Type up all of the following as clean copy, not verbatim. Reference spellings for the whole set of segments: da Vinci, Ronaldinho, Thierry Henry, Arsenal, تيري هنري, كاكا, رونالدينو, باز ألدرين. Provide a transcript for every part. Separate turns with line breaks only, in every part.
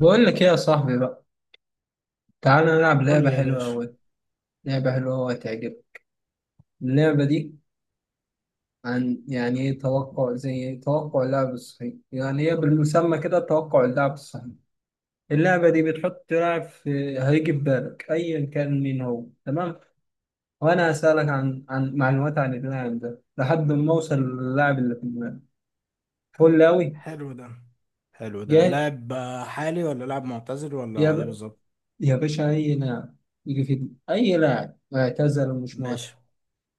بقول لك ايه يا صاحبي بقى، تعالى نلعب
قول
لعبة
لي يا
حلوة
باشا.
أوي. هتعجبك اللعبة دي. عن يعني ايه توقع؟ زي ايه توقع اللاعب الصحيح. يعني هي بالمسمى كده توقع اللاعب الصحيح. اللعبة دي بتحط لاعب في، هيجي في بالك أيا كان مين هو، تمام؟ وأنا هسألك عن معلومات عن اللاعب ده لحد ما أوصل للاعب اللي في دماغك. فل أوي.
حلو ده. حلو ده
جاهز؟
لاعب حالي ولا لاعب معتزل
يا
ولا ايه
ب...
بالظبط؟
يا باشا، أي لاعب يجي في دماغك، أي لاعب اعتزل ومش معتزل.
ماشي.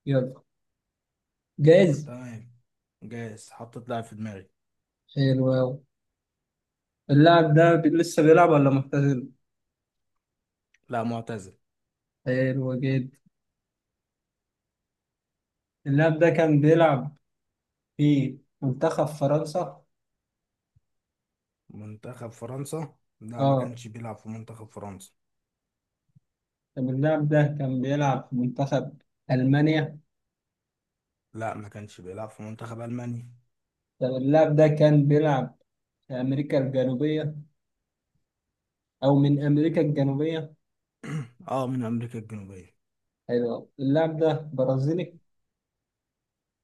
يلا، جاهز؟
تمام جاهز، حطيت لاعب في دماغي.
حلو أوي. اللاعب ده لسه بيلعب ولا معتزل؟
لا معتزل.
حلو جدا. اللاعب ده كان بيلعب في منتخب فرنسا.
منتخب فرنسا، لا ما
اه،
كانش بيلعب في منتخب فرنسا.
طب اللاعب ده كان بيلعب في منتخب ألمانيا.
لا ما كانش بيلعب في منتخب ألمانيا.
طب اللاعب ده كان بيلعب في أمريكا الجنوبية، أو من أمريكا الجنوبية.
اه من أمريكا الجنوبية.
حلو، اللاعب ده برازيلي.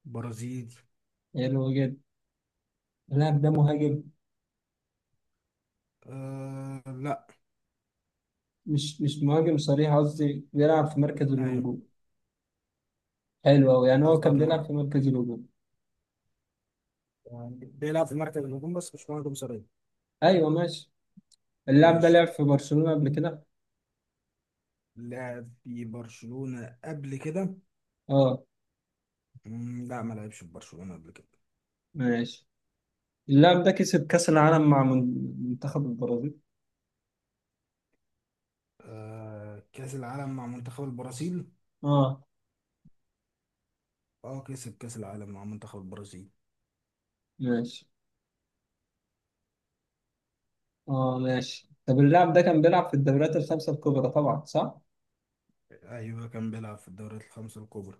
برازيلي.
حلو جدا. اللاعب ده مهاجم.
آه لا.
مش مهاجم صريح، قصدي بيلعب في مركز
ايوه.
الهجوم. حلو أوي، يعني هو كان
قصدك ما-
بيلعب في مركز الهجوم.
يعني بيلعب في مركز الهجوم بس مش مهاجم صريح.
أيوه ماشي. اللاعب ده
ماشي
لعب في برشلونة قبل كده.
لعب في برشلونة قبل كده.
اه
لا ما لعبش في برشلونة قبل كده.
ماشي. اللاعب ده كسب كأس العالم مع منتخب البرازيل.
آه كأس العالم مع منتخب البرازيل.
اه
اه كسب كأس العالم مع منتخب البرازيل.
ماشي. اه ماشي، طب اللاعب ده كان بيلعب في الدوريات الخمسة الكبرى طبعا، صح؟
ايوه كان بيلعب في الدوريات الخمسة الكبرى.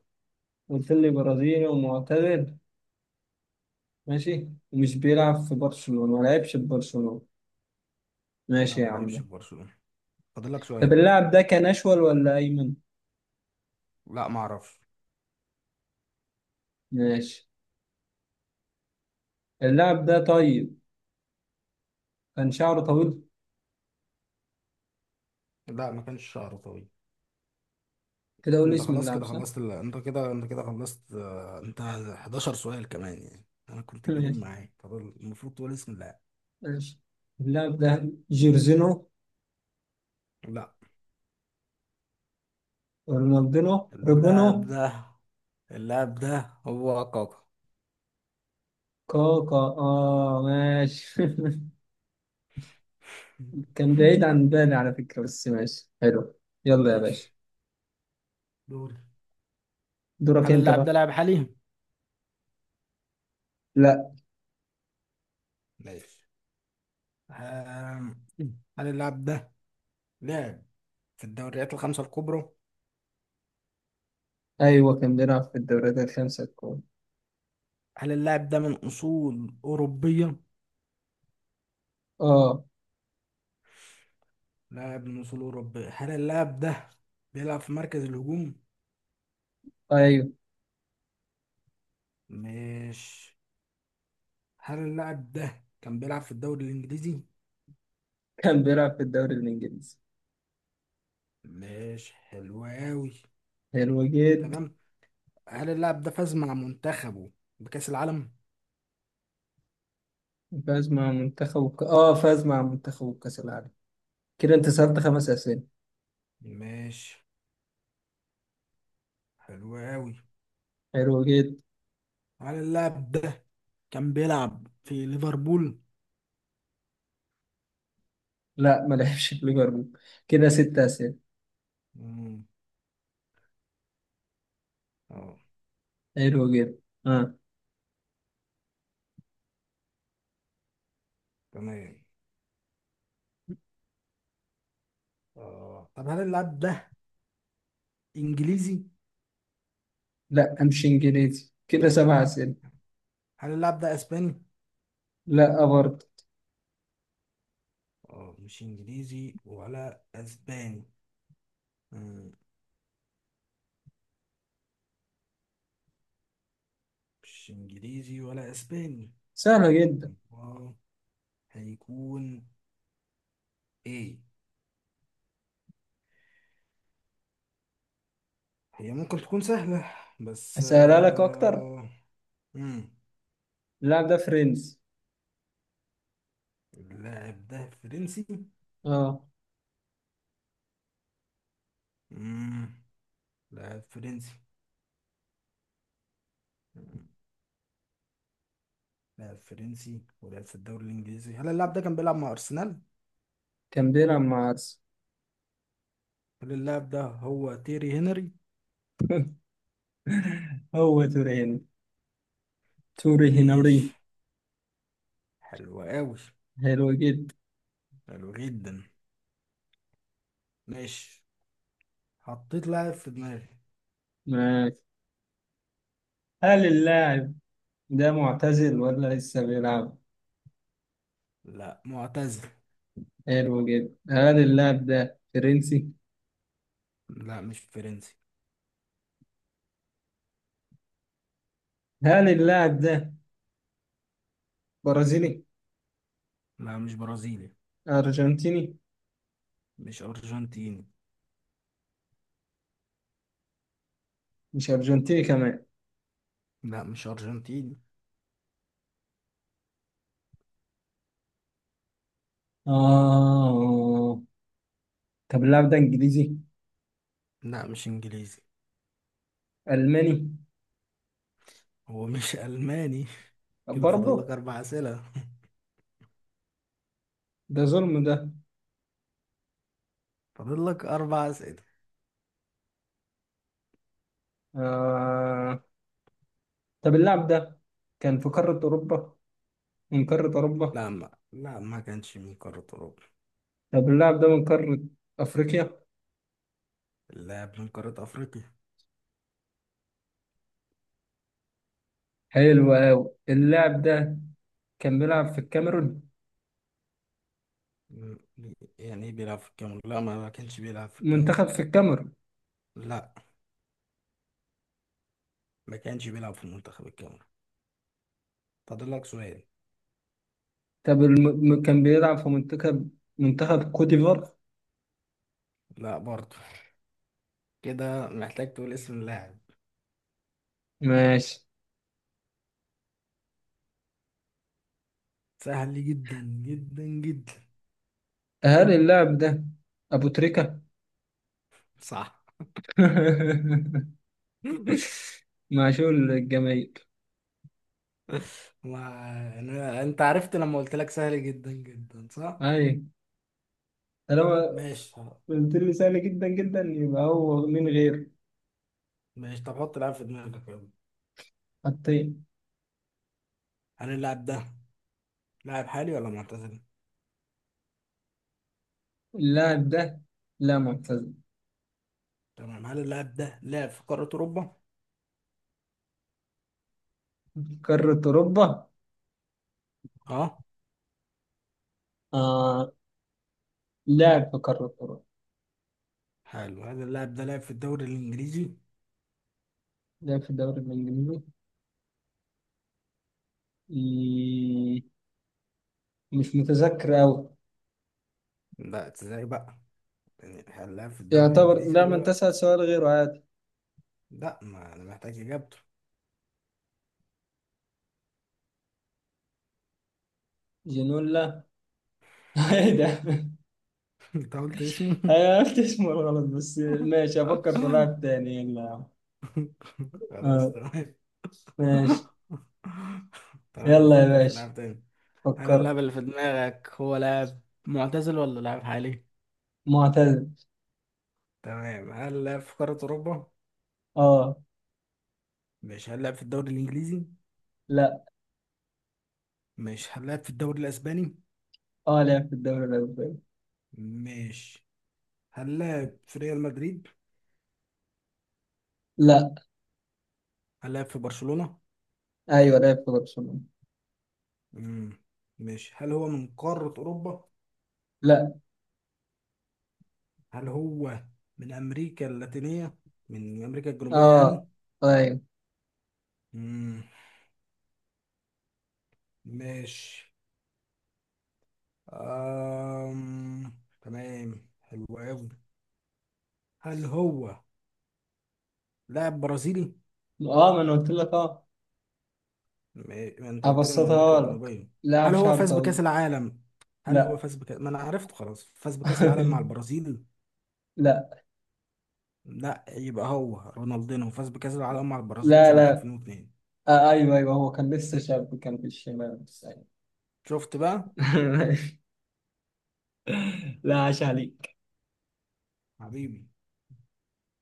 قلت لي برازيلي ومعتزل، ماشي، ومش بيلعب في برشلونة، ما لعبش في برشلونة.
لا
ماشي يا
ما لعبش في
عم.
برشلونة، فاضل لك
طب
سؤال.
اللاعب ده كان أشول ولا أيمن؟
لا ما اعرفش.
ماشي. اللاعب ده طيب، كان شعره طويل.
لا ما كانش شعره طويل.
كده قول لي
انت
اسم
خلاص
اللاعب،
كده
صح؟
خلصت ال... انت كده خلصت آه، انت 11 سؤال كمان يعني. انا كنت كريم
ماشي،
معاك، طب المفروض تقول اسم اللاعب.
ماشي. اللاعب ده جيرزينو.
لا.
رونالدينو. ريبونو.
اللاعب ده، اللاعب ده هو كاكا.
كوكا، اه ماشي. كان بعيد عن بالي على فكرة، بس ماشي حلو. يلا يا باشا.
ماشي. دوري.
دورك
هل
انت
اللاعب ده
بقى.
لاعب حالي؟
لا.
ماشي. آم، هل اللاعب ده لاعب في الدوريات الخمسة الكبرى؟
ايوه كان بيلعب في الدوريات الخمسة الكبرى.
هل اللاعب ده من أصول أوروبية؟
اه.
لاعب من أصول أوروبية. هل اللاعب ده بيلعب في مركز الهجوم؟
ايوه
مش هل اللاعب ده كان بيلعب في الدوري الإنجليزي؟
كان بيلعب في الدوري الانجليزي.
مش حلو أوي.
حلو جدا.
تمام. هل اللاعب ده فاز مع منتخبه بكأس العالم؟
فاز مع اه فاز مع منتخب كأس العالم. كده انت سألت خمس اسئلة.
مش حلو أوي.
حلو جدا.
هل اللاعب ده كان بيلعب في ليفربول؟
لا ما لعبش في ليفربول. كده ست اسئلة.
اه،
حلو جدا. اه.
تمام. اه طب هل اللاعب ده انجليزي؟
لا، امشي انجليزي، كده سبع اسئلة.
هل اللاعب ده اسباني؟
لا برضه.
اه مش انجليزي ولا اسباني. مم. مش انجليزي ولا اسباني.
سهلة
طب
جدا.
هو هيكون ايه؟ هي ممكن تكون سهلة بس
اسهلها لك اكتر.
مم.
اللاعب ده فرنسي.
اللاعب ده فرنسي؟
اه.
مم. لاعب فرنسي. مم. لاعب فرنسي ولعب في الدوري الانجليزي. هل اللاعب ده كان بيلعب مع ارسنال؟
كان بيلعب مع ارسنال.
هل اللاعب ده هو تيري هنري؟
هو تورين، توري هنري.
ماشي، حلو قوي.
حلو جدا.
حلو جدا. ماشي، حطيت لاعب في دماغي.
ماشي. هل اللاعب ده معتزل ولا لسه بيلعب؟
لا معتزل.
حلو جدا. هل اللاعب ده فرنسي؟
لا مش فرنسي.
هل اللاعب ده برازيلي؟
لا مش برازيلي.
ارجنتيني؟
مش أرجنتيني.
مش ارجنتيني كمان؟
لا مش أرجنتيني.
اه، طب اللاعب ده انجليزي؟
لا مش إنجليزي.
الماني؟
هو مش ألماني. كده فاضل لك
برضه؟
أربع أسئلة.
ده ظلم ده.
فاضل لك أربع أسئلة.
آه. طب اللاعب ده كان في قارة أوروبا، من قارة أوروبا؟
لا ما كانش من قارة أوروبا.
طب اللاعب ده من قارة أفريقيا؟
اللاعب من قارة أفريقيا.
حلو أوي. اللاعب ده كان بيلعب في الكاميرون؟
م- يعني إيه بيلعب في الكاميرون؟ لا ما كانش بيلعب في الكاميرون.
منتخب في الكاميرون؟
لا ما كانش بيلعب في منتخب الكاميرون، فاضل لك سؤال.
طب كان بيلعب في منتخب كوت ديفوار؟
لا برضه. كده محتاج تقول اسم اللاعب.
ماشي.
سهل جدا جدا جدا.
هل اللاعب ده أبو تريكة؟
صح.
معشوق الجماهير.
ما أنا... انت عرفت لما قلت لك سهل جدا جدا، صح؟
أي. طالما
ماشي خلاص.
قلت لي سهل جدا جدا، يبقى هو مين غير.
ماشي، طب حط لاعب في دماغك يلا.
حطين.
هل اللاعب ده لاعب حالي ولا معتزل؟
اللاعب ده لا، معتزل.
تمام. هل اللاعب ده لعب في قارة أوروبا؟
قارة أوروبا؟
اه
آه، لعب في قارة أوروبا.
حلو. هل اللاعب ده لعب في الدوري الإنجليزي؟
لعب في الدوري الإنجليزي. إيه، مش متذكر أوي.
لا ازاي بقى؟ يعني هل لعب في الدوري
يعتبر
الإنجليزي
لا،
ولا
من
لا؟
تسأل سؤال غيره عادي.
لا ما انا محتاج اجابته.
جنولا. ايه ده.
انت قلت اسمه.
انا عرفت اسمه غلط، بس ماشي افكر في لاعب تاني يلا.
خلاص
آه
تمام.
ماشي.
تمام
يلا يا
فكر في
باشا،
لعب تاني. هل
فكر.
اللاعب اللي في دماغك هو لاعب معتزل ولا لاعب حالي؟
معتزل.
تمام. هل لعب في قارة أوروبا؟
اه.
مش هل لعب في الدوري الإنجليزي؟
لا.
مش هل لعب في الدوري الأسباني؟
اه لعب في الدوري الأوروبي.
مش هل لعب في ريال مدريد؟
لا.
هل لعب في برشلونة؟
ايوه لعب في برشلونة.
مم. مش هل هو من قارة أوروبا؟
لا.
هل هو من أمريكا اللاتينية؟ من أمريكا الجنوبية
اه.
يعني؟
ايوه.
مم. مش أم... تمام حلو قوي. هل هو لاعب برازيلي؟
اه ما انا قلت لك، اه.
ما انت قلت لي من امريكا
أبسطها لك،
الجنوبيه.
لاعب
هل هو
شعره
فاز بكاس
طويل.
العالم؟ هل هو
لا.
فاز بكاس، ما انا عرفته خلاص، فاز بكاس العالم مع البرازيل؟
لا.
لا يبقى هو رونالدينو فاز بكاس العالم مع البرازيل
لا.
سنه
لا،
2002؟
آه أيوه أيوه، هو كان لسه شاب، كان في الشمال، بس أيوة.
شفت بقى.
لا، عاش عليك.
حبيبي.